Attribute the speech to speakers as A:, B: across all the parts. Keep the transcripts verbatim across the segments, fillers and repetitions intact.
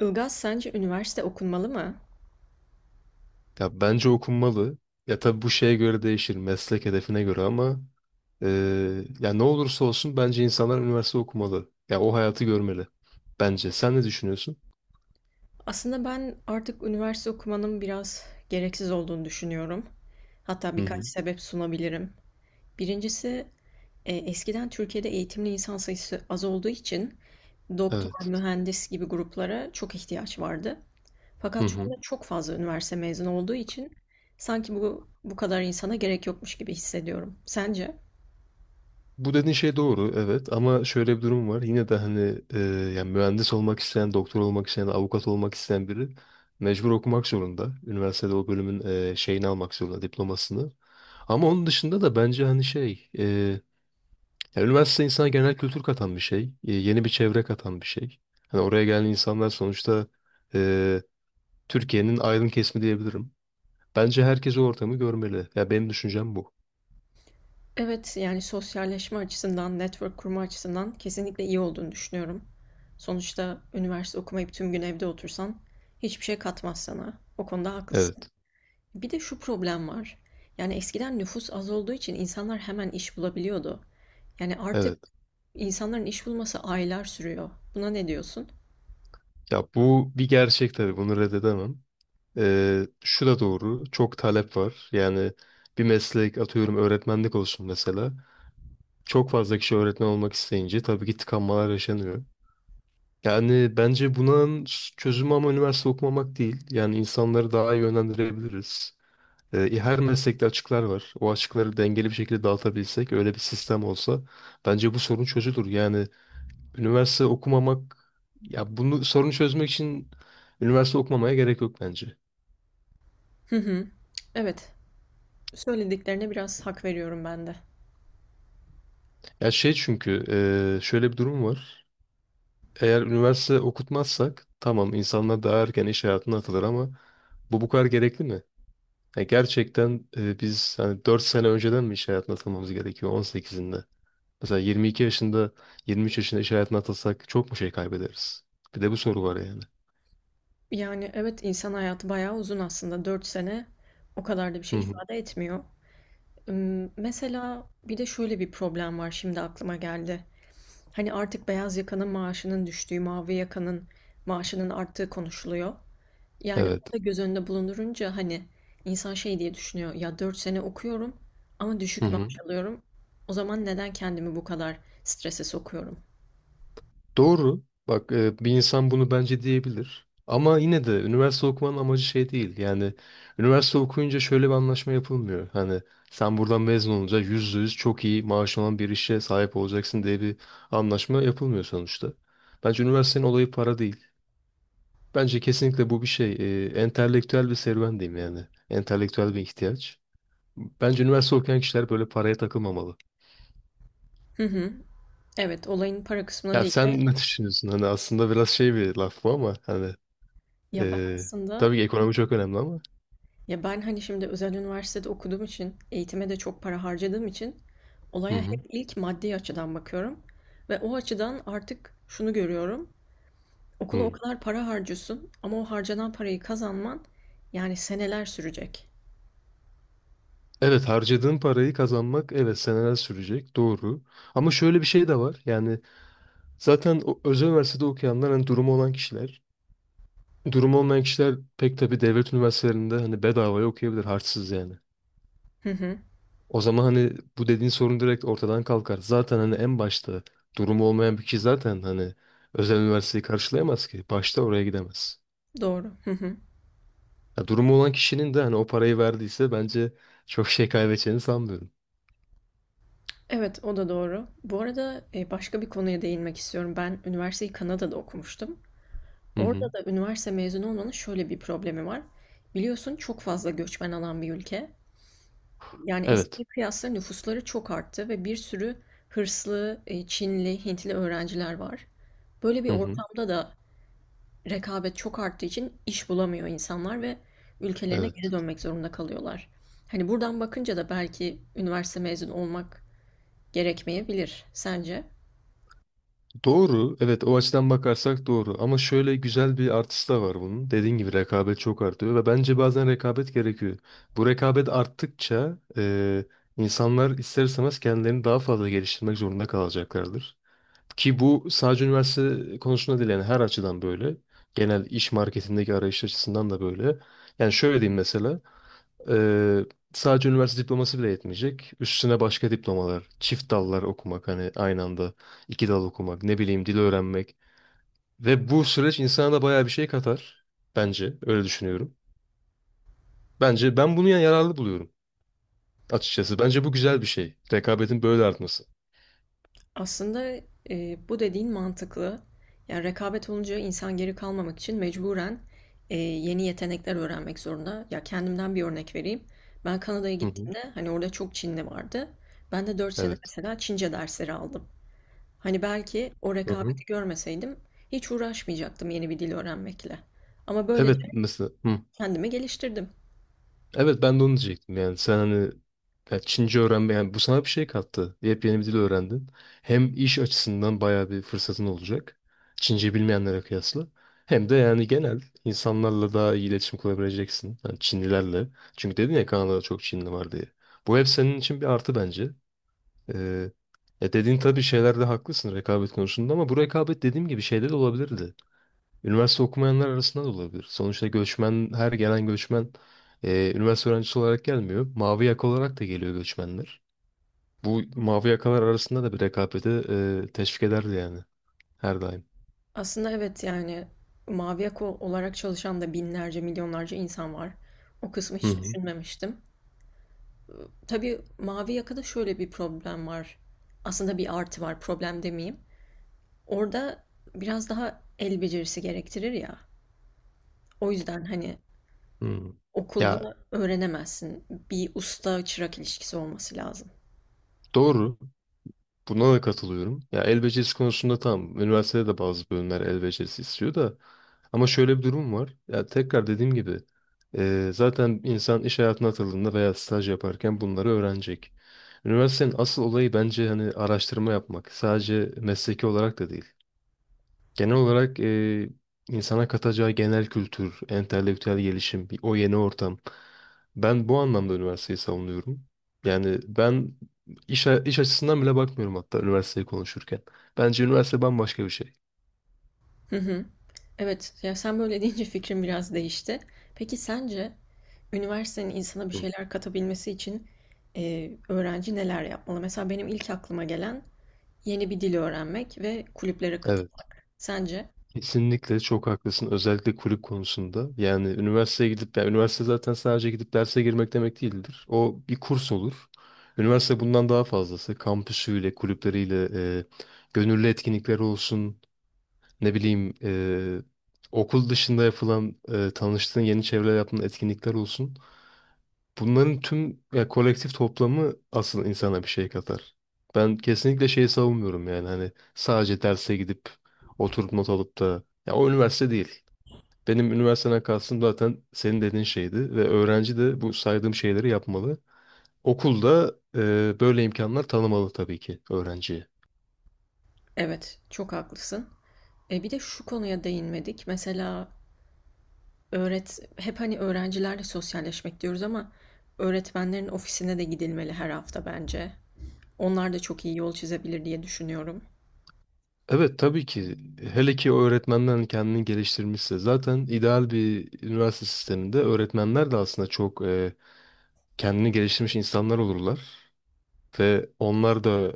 A: Ilgaz, sence üniversite okunmalı mı?
B: Ya bence okunmalı. Ya tabii bu şeye göre değişir, meslek hedefine göre ama eee, ya ne olursa olsun bence insanlar üniversite okumalı. Ya o hayatı görmeli. Bence. Sen ne düşünüyorsun?
A: Aslında ben artık üniversite okumanın biraz gereksiz olduğunu düşünüyorum. Hatta
B: Hı
A: birkaç
B: hı.
A: sebep sunabilirim. Birincisi, e, eskiden Türkiye'de eğitimli insan sayısı az olduğu için doktor,
B: Evet.
A: mühendis gibi gruplara çok ihtiyaç vardı.
B: Hı
A: Fakat şu
B: hı.
A: anda çok fazla üniversite mezunu olduğu için sanki bu bu kadar insana gerek yokmuş gibi hissediyorum. Sence?
B: Bu dediğin şey doğru, evet. Ama şöyle bir durum var. Yine de hani eee, yani mühendis olmak isteyen, doktor olmak isteyen, avukat olmak isteyen biri mecbur okumak zorunda. Üniversitede o bölümün eee, şeyini almak zorunda, diplomasını. Ama onun dışında da bence hani şey, ya üniversite insana genel kültür katan bir şey. e, Yeni bir çevre katan bir şey. Hani oraya gelen insanlar sonuçta e, Türkiye'nin aydın kesimi diyebilirim. Bence herkes o ortamı görmeli. Ya benim düşüncem bu.
A: Evet, yani sosyalleşme açısından, network kurma açısından kesinlikle iyi olduğunu düşünüyorum. Sonuçta üniversite okumayıp tüm gün evde otursan hiçbir şey katmaz sana. O konuda haklısın.
B: Evet.
A: Bir de şu problem var. Yani eskiden nüfus az olduğu için insanlar hemen iş bulabiliyordu. Yani artık
B: Evet.
A: insanların iş bulması aylar sürüyor. Buna ne diyorsun?
B: Ya bu bir gerçek tabii. Bunu reddedemem. E, şu da doğru. Çok talep var. Yani bir meslek atıyorum öğretmenlik olsun mesela. Çok fazla kişi öğretmen olmak isteyince tabii ki tıkanmalar yaşanıyor. Yani bence bunun çözümü ama üniversite okumamak değil. Yani insanları daha iyi yönlendirebiliriz. Ee, e, her meslekte açıklar var. O açıkları dengeli bir şekilde dağıtabilsek, öyle bir sistem olsa bence bu sorun çözülür. Yani üniversite okumamak, ya bunu sorunu çözmek için üniversite okumamaya gerek yok bence.
A: Hı hı. Evet, söylediklerine biraz hak veriyorum ben de.
B: Ya şey çünkü e, şöyle bir durum var. Eğer üniversite okutmazsak tamam insanlar daha erken iş hayatına atılır ama bu bu kadar gerekli mi? Ya gerçekten e, biz hani dört sene önceden mi iş hayatına atılmamız gerekiyor on sekizinde, mesela yirmi iki yaşında, yirmi üç yaşında iş hayatına atılsak çok mu şey kaybederiz? Bir de bu soru var yani.
A: Yani evet insan hayatı bayağı uzun aslında. Dört sene o kadar da bir
B: Hı
A: şey
B: hı.
A: ifade etmiyor. Imm, mesela bir de şöyle bir problem var şimdi aklıma geldi. Hani artık beyaz yakanın maaşının düştüğü, mavi yakanın maaşının arttığı konuşuluyor. Yani
B: Evet.
A: o da göz önünde bulundurunca hani insan şey diye düşünüyor. Ya dört sene okuyorum ama
B: Hı
A: düşük
B: hı.
A: maaş alıyorum. O zaman neden kendimi bu kadar strese sokuyorum?
B: Doğru. Bak e, bir insan bunu bence diyebilir. Ama yine de üniversite okumanın amacı şey değil. Yani üniversite okuyunca şöyle bir anlaşma yapılmıyor. Hani sen buradan mezun olunca yüzde yüz çok iyi maaş olan bir işe sahip olacaksın diye bir anlaşma yapılmıyor sonuçta. Bence üniversitenin olayı para değil. Bence kesinlikle bu bir şey. Ee, entelektüel bir serüven diyeyim yani. Entelektüel bir ihtiyaç. Bence üniversite okuyan kişiler böyle paraya takılmamalı.
A: Hı hı. Evet, olayın para kısmına
B: Ya
A: değil de
B: sen ne düşünüyorsun? Hani aslında biraz şey bir laf bu ama hani
A: ya ben
B: e,
A: aslında
B: tabii ki ekonomi çok önemli ama.
A: ya ben hani şimdi özel üniversitede okuduğum için eğitime de çok para harcadığım için
B: Hı
A: olaya hep
B: hı.
A: ilk maddi açıdan bakıyorum ve o açıdan artık şunu görüyorum. Okula o
B: Hı.
A: kadar para harcıyorsun ama o harcanan parayı kazanman yani seneler sürecek.
B: Evet harcadığın parayı kazanmak evet seneler sürecek doğru. Ama şöyle bir şey de var. Yani zaten o, özel üniversitede okuyanlar hani durumu olan kişiler. Durumu olmayan kişiler pek tabii devlet üniversitelerinde hani bedavaya okuyabilir harçsız yani.
A: Hı hı,
B: O zaman hani bu dediğin sorun direkt ortadan kalkar. Zaten hani en başta durumu olmayan bir kişi zaten hani özel üniversiteyi karşılayamaz ki. Başta oraya gidemez.
A: doğru. Hı hı.
B: Ya durumu olan kişinin de hani o parayı verdiyse bence çok şey kaybedeceğini sanmıyorum.
A: Evet, o da doğru. Bu arada e, başka bir konuya değinmek istiyorum. Ben üniversiteyi Kanada'da okumuştum.
B: Hı hı.
A: Orada da üniversite mezunu olmanın şöyle bir problemi var. Biliyorsun çok fazla göçmen alan bir ülke. Yani
B: Evet.
A: eskiye kıyasla nüfusları çok arttı ve bir sürü hırslı, e, Çinli, Hintli öğrenciler var. Böyle bir
B: Hı hı.
A: ortamda da rekabet çok arttığı için iş bulamıyor insanlar ve ülkelerine geri
B: Evet.
A: dönmek zorunda kalıyorlar. Hani buradan bakınca da belki üniversite mezunu olmak gerekmeyebilir sence?
B: Doğru. Evet o açıdan bakarsak doğru. Ama şöyle güzel bir artısı da var bunun. Dediğin gibi rekabet çok artıyor ve bence bazen rekabet gerekiyor. Bu rekabet arttıkça e, insanlar ister istemez kendilerini daha fazla geliştirmek zorunda kalacaklardır. Ki bu sadece üniversite konusunda değil yani her açıdan böyle. Genel iş marketindeki arayış açısından da böyle. Yani şöyle diyeyim mesela. Ee, Sadece üniversite diploması bile yetmeyecek. Üstüne başka diplomalar, çift dallar okumak hani aynı anda iki dal okumak, ne bileyim dil öğrenmek. Ve bu süreç insana da bayağı bir şey katar. Bence öyle düşünüyorum. Bence ben bunu ya- yararlı buluyorum açıkçası. Bence bu güzel bir şey. Rekabetin böyle artması.
A: Aslında, eee, bu dediğin mantıklı. Yani rekabet olunca insan geri kalmamak için mecburen, eee, yeni yetenekler öğrenmek zorunda. Ya, kendimden bir örnek vereyim. Ben Kanada'ya
B: Hı hı.
A: gittiğimde, hani, orada çok Çinli vardı. Ben de dört sene
B: Evet.
A: mesela Çince dersleri aldım. Hani, belki o
B: Hı hı.
A: rekabeti görmeseydim hiç uğraşmayacaktım yeni bir dil öğrenmekle ama böylece
B: Evet mesela. Hı.
A: kendimi geliştirdim.
B: Evet ben de onu diyecektim yani sen hani ya Çince öğrenme yani bu sana bir şey kattı. Yepyeni bir dil öğrendin. Hem iş açısından bayağı bir fırsatın olacak. Çince bilmeyenlere kıyasla. Hem de yani genel insanlarla daha iyi iletişim kurabileceksin. Yani Çinlilerle. Çünkü dedin ya Kanada'da çok Çinli var diye. Bu hep senin için bir artı bence. Ee, e dediğin tabii şeylerde haklısın rekabet konusunda ama bu rekabet dediğim gibi şeyde de olabilirdi. Üniversite okumayanlar arasında da olabilir. Sonuçta göçmen, her gelen göçmen e, üniversite öğrencisi olarak gelmiyor. Mavi yaka olarak da geliyor göçmenler. Bu mavi yakalar arasında da bir rekabeti e, teşvik ederdi yani her daim.
A: Aslında evet, yani, mavi yaka olarak çalışan da binlerce, milyonlarca insan var. O kısmı
B: Hı
A: hiç
B: hı.
A: düşünmemiştim. Tabii mavi yakada şöyle bir problem var. Aslında bir artı var, problem demeyeyim. Orada biraz daha el becerisi gerektirir ya. O yüzden hani
B: Hı. Ya
A: okulda öğrenemezsin. Bir usta çırak ilişkisi olması lazım.
B: doğru. Buna da katılıyorum. Ya el becerisi konusunda tamam. Üniversitede de bazı bölümler el becerisi istiyor da. Ama şöyle bir durum var. Ya tekrar dediğim gibi eee, zaten insan iş hayatına atıldığında veya staj yaparken bunları öğrenecek. Üniversitenin asıl olayı bence hani araştırma yapmak. Sadece mesleki olarak da değil. Genel olarak eee, insana katacağı genel kültür, entelektüel gelişim, bir- o yeni ortam. Ben bu anlamda üniversiteyi savunuyorum. Yani ben iş, a- iş açısından bile bakmıyorum hatta üniversiteyi konuşurken. Bence üniversite bambaşka bir şey.
A: Hı hı. Evet, ya sen böyle deyince fikrim biraz değişti. Peki sence üniversitenin insana bir
B: Hı.
A: şeyler katabilmesi için e, öğrenci neler yapmalı? Mesela benim ilk aklıma gelen yeni bir dil öğrenmek ve kulüplere
B: Evet,
A: katılmak. Sence?
B: kesinlikle çok haklısın. Özellikle kulüp konusunda. Yani üniversiteye gidip, yani üniversite zaten sadece gidip derse girmek demek değildir. O bir kurs olur. Üniversite bundan daha fazlası. Kampüsüyle, kulüpleriyle, e, gönüllü etkinlikleri olsun. Ne bileyim eee, okul dışında yapılan eee, tanıştığın yeni çevreler yaptığın etkinlikler olsun. Bunların tüm ya, kolektif toplamı asıl insana bir şey katar. Ben kesinlikle şeyi savunmuyorum yani hani sadece derse gidip oturup not alıp da ya o üniversite değil. Benim üniversiteden kastım zaten senin dediğin şeydi ve öğrenci de bu saydığım şeyleri yapmalı. Okulda eee, böyle imkanlar tanımalı tabii ki öğrenciye.
A: Evet, çok haklısın. E, bir de şu konuya değinmedik. Mesela öğret hep hani öğrencilerle sosyalleşmek diyoruz ama öğretmenlerin ofisine de gidilmeli her hafta bence. Onlar da çok iyi yol çizebilir diye düşünüyorum.
B: Evet tabii ki hele ki o kendini geliştirmişse zaten ideal bir üniversite sisteminde öğretmenler de aslında çok e, kendini geliştirmiş insanlar olurlar ve onlar da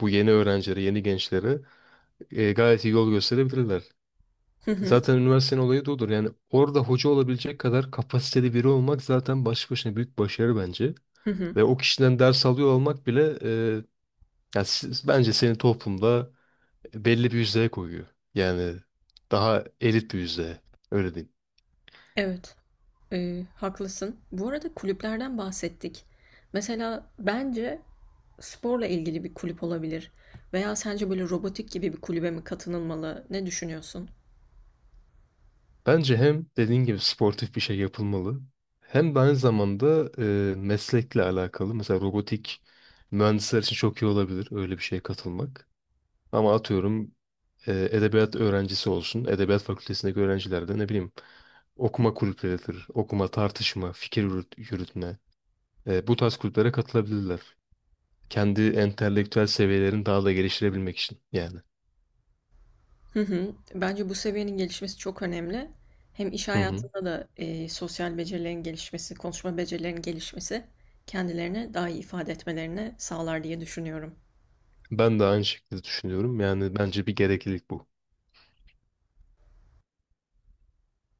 B: bu yeni öğrencilere, yeni gençlere e, gayet iyi yol gösterebilirler.
A: Hı hı,
B: Zaten üniversitenin olayı da odur. Yani orada hoca olabilecek kadar kapasiteli biri olmak zaten başlı başına büyük başarı bence.
A: hı hı.
B: Ve o kişiden ders alıyor olmak bile e, yani siz- bence senin toplumda belli bir yüzdeye koyuyor. Yani daha elit bir yüzdeye. Öyle diyeyim.
A: Evet, e, haklısın. Bu arada kulüplerden bahsettik. Mesela bence sporla ilgili bir kulüp olabilir. Veya sence böyle robotik gibi bir kulübe mi katılınmalı? Ne düşünüyorsun?
B: Bence hem dediğin gibi sportif bir şey yapılmalı hem de aynı zamanda e, meslekle alakalı mesela robotik mühendisler için çok iyi olabilir öyle bir şeye katılmak. Ama atıyorum e, edebiyat öğrencisi olsun, edebiyat fakültesindeki öğrenciler de ne bileyim okuma kulüpleridir, okuma, tartışma, fikir yürüt- yürütme. E, bu tarz kulüplere katılabilirler. Kendi entelektüel seviyelerini daha da geliştirebilmek için yani.
A: Hı hı. Bence bu seviyenin gelişmesi çok önemli. Hem iş
B: Hı hı.
A: hayatında da e, sosyal becerilerin gelişmesi, konuşma becerilerinin gelişmesi kendilerini daha iyi ifade etmelerini sağlar diye düşünüyorum.
B: Ben de aynı şekilde düşünüyorum. Yani bence bir gereklilik bu.